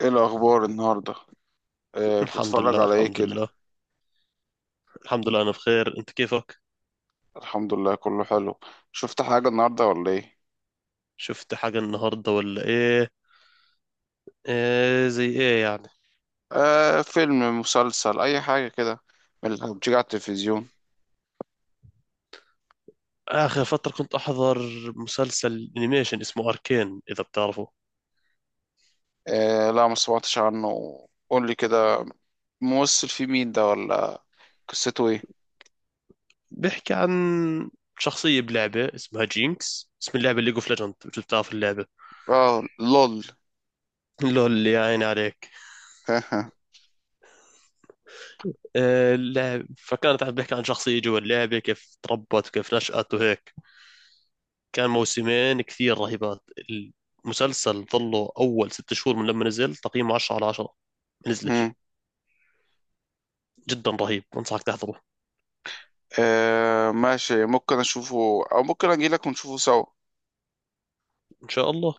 ايه الاخبار النهارده؟ آه، الحمد بتتفرج لله على ايه الحمد كده؟ لله الحمد لله. انا بخير، انت كيفك؟ الحمد لله، كله حلو. شفت حاجه النهارده ولا ايه؟ شفت حاجة النهاردة ولا ايه؟ ايه زي ايه يعني؟ آه، فيلم، مسلسل، اي حاجه كده، من اللي بتيجي على التلفزيون. اخر فترة كنت احضر مسلسل انيميشن اسمه اركين، اذا بتعرفه. آه لا، ما سمعتش عنه. قول لي كده، ممثل فيه مين ده، ولا قصته ايه؟ بيحكي عن شخصية بلعبة اسمها جينكس، اسم اللعبة ليج اوف ليجند، مش بتعرف اللعبة؟ اه لول. لول، اللي يا عيني عليك. اللعب فكانت عم بحكي عن شخصية جوا اللعبة، كيف تربت وكيف نشأت وهيك. كان موسمين كثير رهيبات. المسلسل ظله أول ست شهور من لما نزل تقييمه 10 على 10 نزلش. مم. جدا رهيب، انصحك تحضره. آه ماشي، ممكن اشوفه، او ممكن اجي لك ونشوفه سوا. ان شاء الله.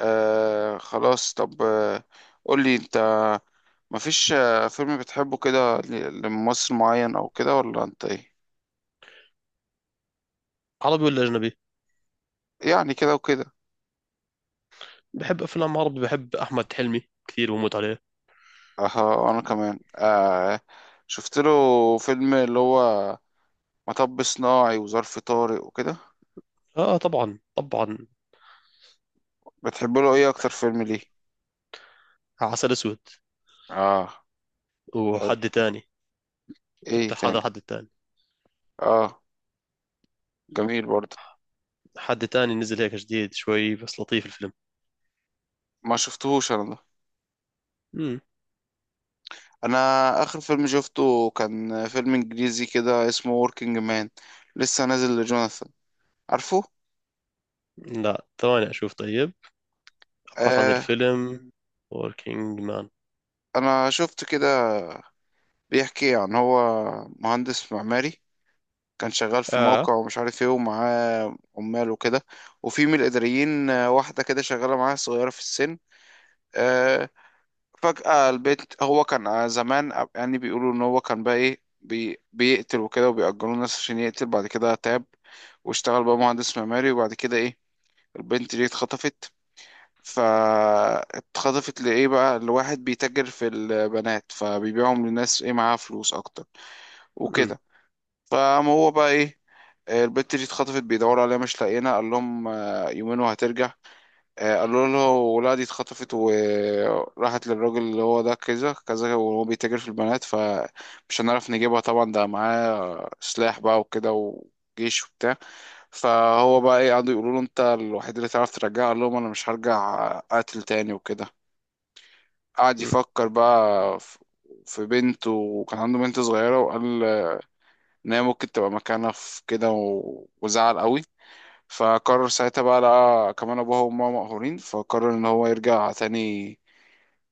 آه خلاص، طب قول لي انت. مفيش فيلم بتحبه كده لممثل معين او كده، ولا انت ايه؟ عربي ولا اجنبي؟ يعني كده وكده. بحب افلام عربي، بحب احمد حلمي كثير، بموت عليه. اه، انا كمان. شفت له فيلم اللي هو مطب صناعي وظرف طارق وكده. اه طبعا طبعا. بتحب له ايه اكتر فيلم؟ ليه؟ عسل اسود. اه. حلو. وحد تاني. ايه بتاع هذا تاني؟ حد تاني. اه، جميل برضه. حد تاني نزل هيك جديد شوي بس لطيف الفيلم. ما شفتهوش انا ده. مم. انا اخر فيلم شفته كان فيلم انجليزي كده اسمه Working Man، لسه نازل لجوناثان، عارفه؟ لا ثواني اشوف طيب. ابحث عن آه، الفيلم. وركينج مان. انا شفت كده. بيحكي عن هو مهندس معماري، كان شغال في اه. موقع ومش عارف ايه، ومعاه عمال وكده، وفي من الإداريين، واحدة كده شغالة معاه، صغيرة في السن. آه، فجأة البيت، هو كان، زمان، يعني بيقولوا ان هو كان بقى ايه، بيقتل وكده، وبيأجروا الناس عشان يقتل. بعد كده تاب واشتغل بقى مهندس معماري. وبعد كده ايه، البنت دي اتخطفت. فاتخطفت لإيه بقى؟ لواحد بيتاجر في البنات، فبيبيعهم للناس ايه، معاها فلوس أكتر مم. وكده. فقام هو بقى ايه، البت دي اتخطفت، بيدوروا عليها مش لاقيينها. قال لهم يومين وهترجع. قالوا له لا، دي اتخطفت وراحت للراجل اللي هو ده، كذا كذا، وهو بيتاجر في البنات، فمش هنعرف نجيبها، طبعا ده معاه سلاح بقى وكده، وجيش وبتاع. فهو بقى ايه، قعدوا يقولوا له انت الوحيد اللي تعرف ترجعها. قال لهم انا مش هرجع قاتل تاني وكده. قعد مم. يفكر بقى في بنته، وكان عنده بنت صغيرة، وقال ان هي ممكن تبقى مكانها في كده وزعل قوي. فقرر ساعتها بقى، لقى كمان ابوها وامها مقهورين، فقرر ان هو يرجع تاني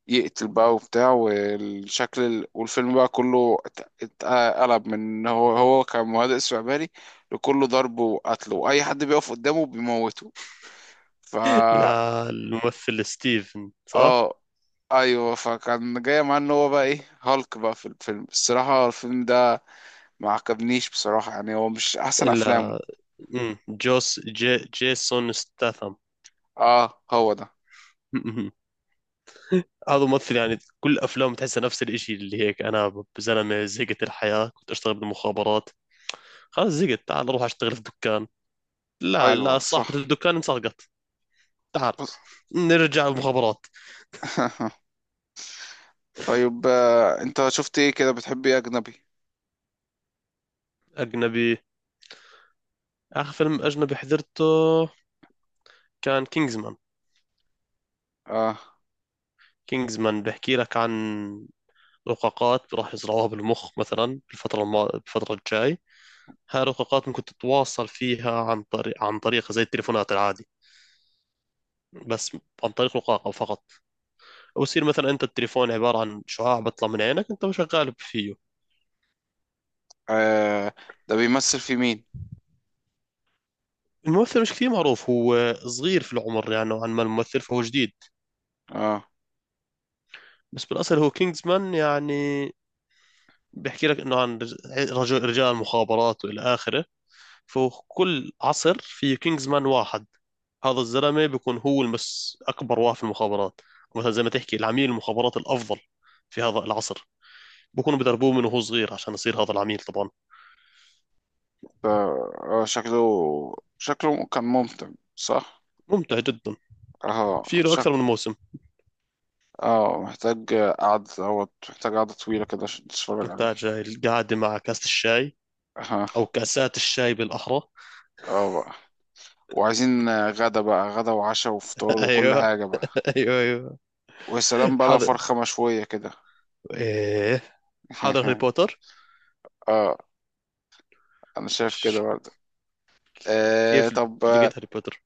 يقتل بقى وبتاع. والشكل والفيلم بقى كله اتقلب، من ان هو كان مهدئ استعباري لكله ضرب وقتل، واي حد بيقف قدامه بيموته. فا لا الممثل ستيفن صح؟ اه ايوه، فكان جاي معاه ان هو بقى ايه، هالك بقى في الفيلم. الصراحه الفيلم ده ما عجبنيش بصراحه، يعني هو مش احسن افلامه. الا. جوس جي جيسون ستاثم. اه هو ده. هذا ممثل يعني كل افلامه تحسها نفس الاشي، اللي هيك انا زلمه زهقت الحياه، كنت اشتغل بالمخابرات، خلاص زهقت تعال اروح اشتغل في دكان. لا ايوه لا، صاحبة صح. الدكان انسرقت، تعال بص. نرجع المخابرات. طيب، انت شفت ايه كده؟ بتحب ايه اجنبي؟ اجنبي. اخر فيلم اجنبي حضرته كان كينجزمان. اه. كينجزمان بحكي لك عن رقاقات راح يزرعوها بالمخ مثلا بالفتره الجاي. هاي الرقاقات ممكن تتواصل فيها عن طريق زي التليفونات العادي، بس عن طريق رقاقة فقط. ويصير مثلا انت التليفون عباره عن شعاع بيطلع من عينك، انت وشغال فيه. آه، ده بيمثل في مين؟ الممثل مش كثير معروف، هو صغير في العمر يعني نوعا ما الممثل، فهو جديد. اه بس بالاصل هو كينجزمان يعني. بيحكي لك انه عن رجال المخابرات والى اخره. فكل عصر في كينجزمان واحد، هذا الزلمه بيكون هو المس اكبر واحد في المخابرات. مثلا زي ما تحكي العميل المخابرات الافضل في هذا العصر. بكونوا بدربوه من وهو صغير عشان يصير هذا العميل طبعا. ده. آه، شكله كان ممتع، صح؟ ممتع جدا. اه، في له اكثر شكل. من موسم. اه محتاج قعدة دوت، محتاج قعدة طويلة كده عشان تتفرج عليه. نحتاج هاي القعدة مع كاسة الشاي. أو اه. كاسات الشاي بالأحرى. اه بقى، وعايزين غدا بقى، غدا وعشاء وفطار وكل أيوه. حاجة بقى. أيوه، أيوه. ويا سلام بقى لو حاضر. فرخة مشوية كده. إيه. حاضر هاري بوتر. اه، انا شايف كده ش- برضه. آه كيف طب. لقيت هاري بوتر؟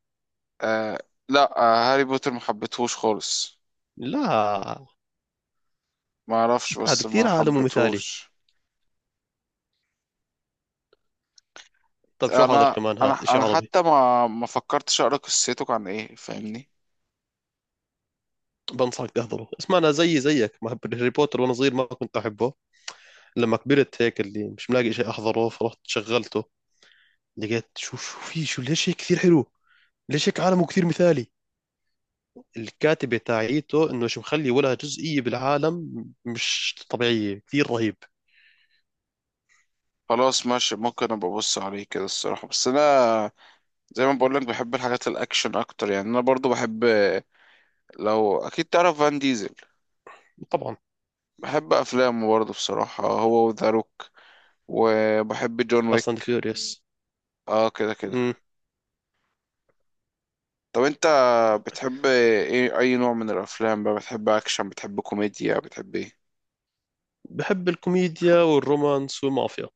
آه لا، آه هاري بوتر ما حبيتهوش خالص. لا، ما اعرفش، هذا بس كثير ما عالم مثالي. حبيتهوش. طب شو حاضر انا كمان، انا هات إشي انا عربي. حتى ما فكرتش اقرا قصته عن ايه، فاهمني؟ بنصحك تحضره، اسمع. أنا زيي زيك ما بحب هاري بوتر، وأنا صغير ما كنت أحبه. لما كبرت هيك اللي مش ملاقي إشي أحضره، فرحت شغلته. لقيت شو في شو ليش هيك كثير حلو، ليش هيك عالمه كثير مثالي. الكاتبة تاعيته انه شو مخلي ولها جزئية بالعالم مش طبيعية، كثير رهيب. خلاص ماشي، ممكن ابقى ابص عليه كده الصراحه. بس انا، زي ما بقول لك، بحب الحاجات الاكشن اكتر. يعني انا برضو بحب، لو اكيد تعرف، فان ديزل، طبعا. بحب افلامه برضو بصراحه، هو وذا روك، وبحب جون فاست اند ويك. فيوريوس. اه كده كده. طب انت بتحب ايه؟ اي نوع من الافلام بقى، بتحب اكشن، بتحب كوميديا، بتحب ايه؟ بحب الكوميديا والرومانس والمافيا.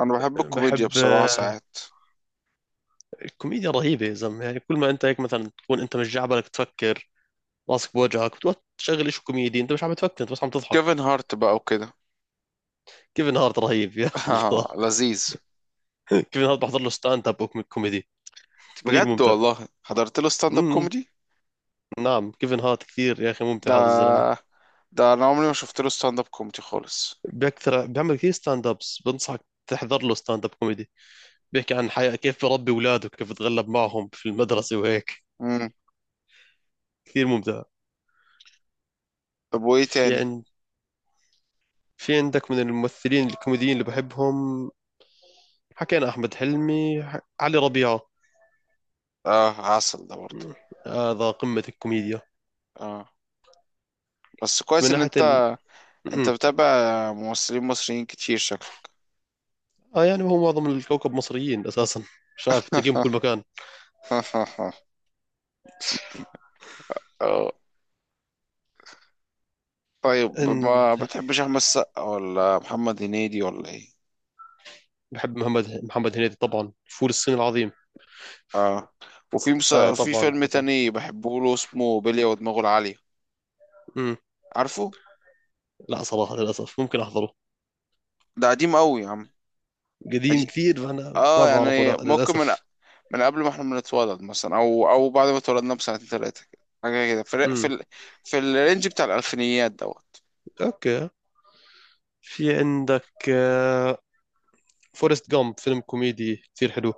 انا بحب الكوميديا بحب بصراحة ساعات. الكوميديا رهيبة يا زلمة. يعني كل ما انت هيك مثلا تكون انت مش جعبلك تفكر، راسك بوجهك، بتقعد تشغل شيء كوميدي انت مش عم تفكر، انت بس عم تضحك. كيفن هارت بقى وكده. كيفن هارت رهيب يا الله. لذيذ. كيفن هارت بحضر له ستاند اب كوميدي، كثير بجد ممتع. والله حضرت له ستاند اب امم كوميدي. نعم، كيفن هارت كثير يا اخي ممتع هذا الزلمة. ده انا عمري ما شفت له ستاند اب كوميدي خالص. بيكثر بيعمل كثير ستاند ابس، بنصحك تحضر له ستاند اب كوميدي. بيحكي عن حياة، كيف بربي اولاده، كيف بتغلب معهم في المدرسة وهيك. امم. كثير ممتع. طب وايه في تاني؟ عند في عندك من الممثلين الكوميديين اللي بحبهم؟ حكينا احمد حلمي، علي ربيعة. اه عسل ده برضه. م، هذا قمة الكوميديا. اه، بس كويس من ان ناحية ال. انت م. بتابع ممثلين مصريين كتير شكلك. اه يعني هو معظم الكوكب مصريين اساسا، مش عارف تلاقيهم كل مكان. اه. طيب إن- ما بتحبش احمد السقا ولا محمد هنيدي ولا ايه؟ بحب محمد هنيدي طبعا، فول الصين العظيم. اه، وفي اه في طبعا فيلم طبعا. تاني بحبه له، اسمه بلية ودماغه العالية، م. عارفه؟ لا صراحة للأسف، ممكن أحضره. ده قديم قوي يا عم. قديم، قديم كثير فأنا ما اه، بعرفه، يعني لا ممكن من للأسف. من قبل ما احنا بنتولد مثلا، او او بعد ما اتولدنا بسنتين ثلاثة كده، حاجة كده في امم. في الرينج بتاع الألفينيات دوت. أوكي. في عندك فورست جامب، فيلم كوميدي كثير حلو.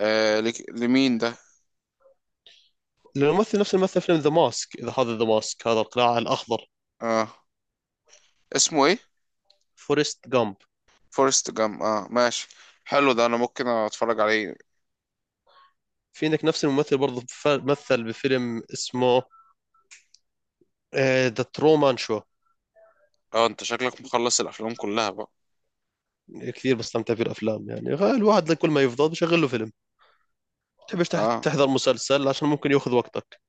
آه لمين ده؟ الممثل نفس الممثل فيلم ذا ماسك، إذا هذا ذا ماسك هذا القلاع الأخضر. اه، اسمه ايه؟ فورست جامب. فورست جام، اه ماشي، حلو، ده انا ممكن اتفرج عليه. في عندك نفس الممثل برضه مثل بفيلم اسمه ذا ترومان شو. اه انت شكلك مخلص الافلام كلها بقى. كثير بستمتع في الأفلام يعني. الواحد كل ما يفضل بشغل له فيلم، تحبش اه، تحضر مسلسل عشان ممكن ياخذ وقتك.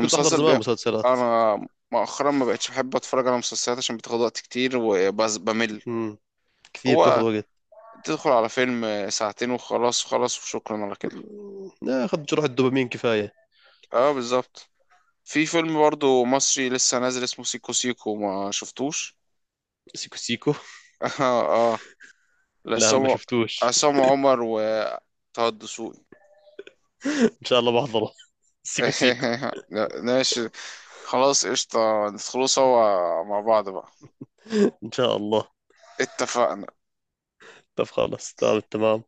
كنت أحضر زمان بي. مسلسلات. انا مؤخرا ما بقتش بحب اتفرج على مسلسلات، عشان بتاخد وقت كتير وبس بمل. امم. كثير بتاخذ هو وقت. تدخل على فيلم ساعتين وخلاص، وخلاص وشكرا على كده. ناخذ جرعة دوبامين كفاية. اه بالظبط. في فيلم برضو مصري لسه نازل اسمه سيكو سيكو، ما شفتوش؟ سيكو سيكو؟ اه. اه، لا ما لعصام، شفتوش. عصام عمر، وطه الدسوقي. ان شاء الله بحضره. سيكو سيكو. لا، ماشي، خلاص قشطة، ندخلوا سوا مع بعض بقى. ان شاء الله. اتفقنا. طب خلاص تمام التمام.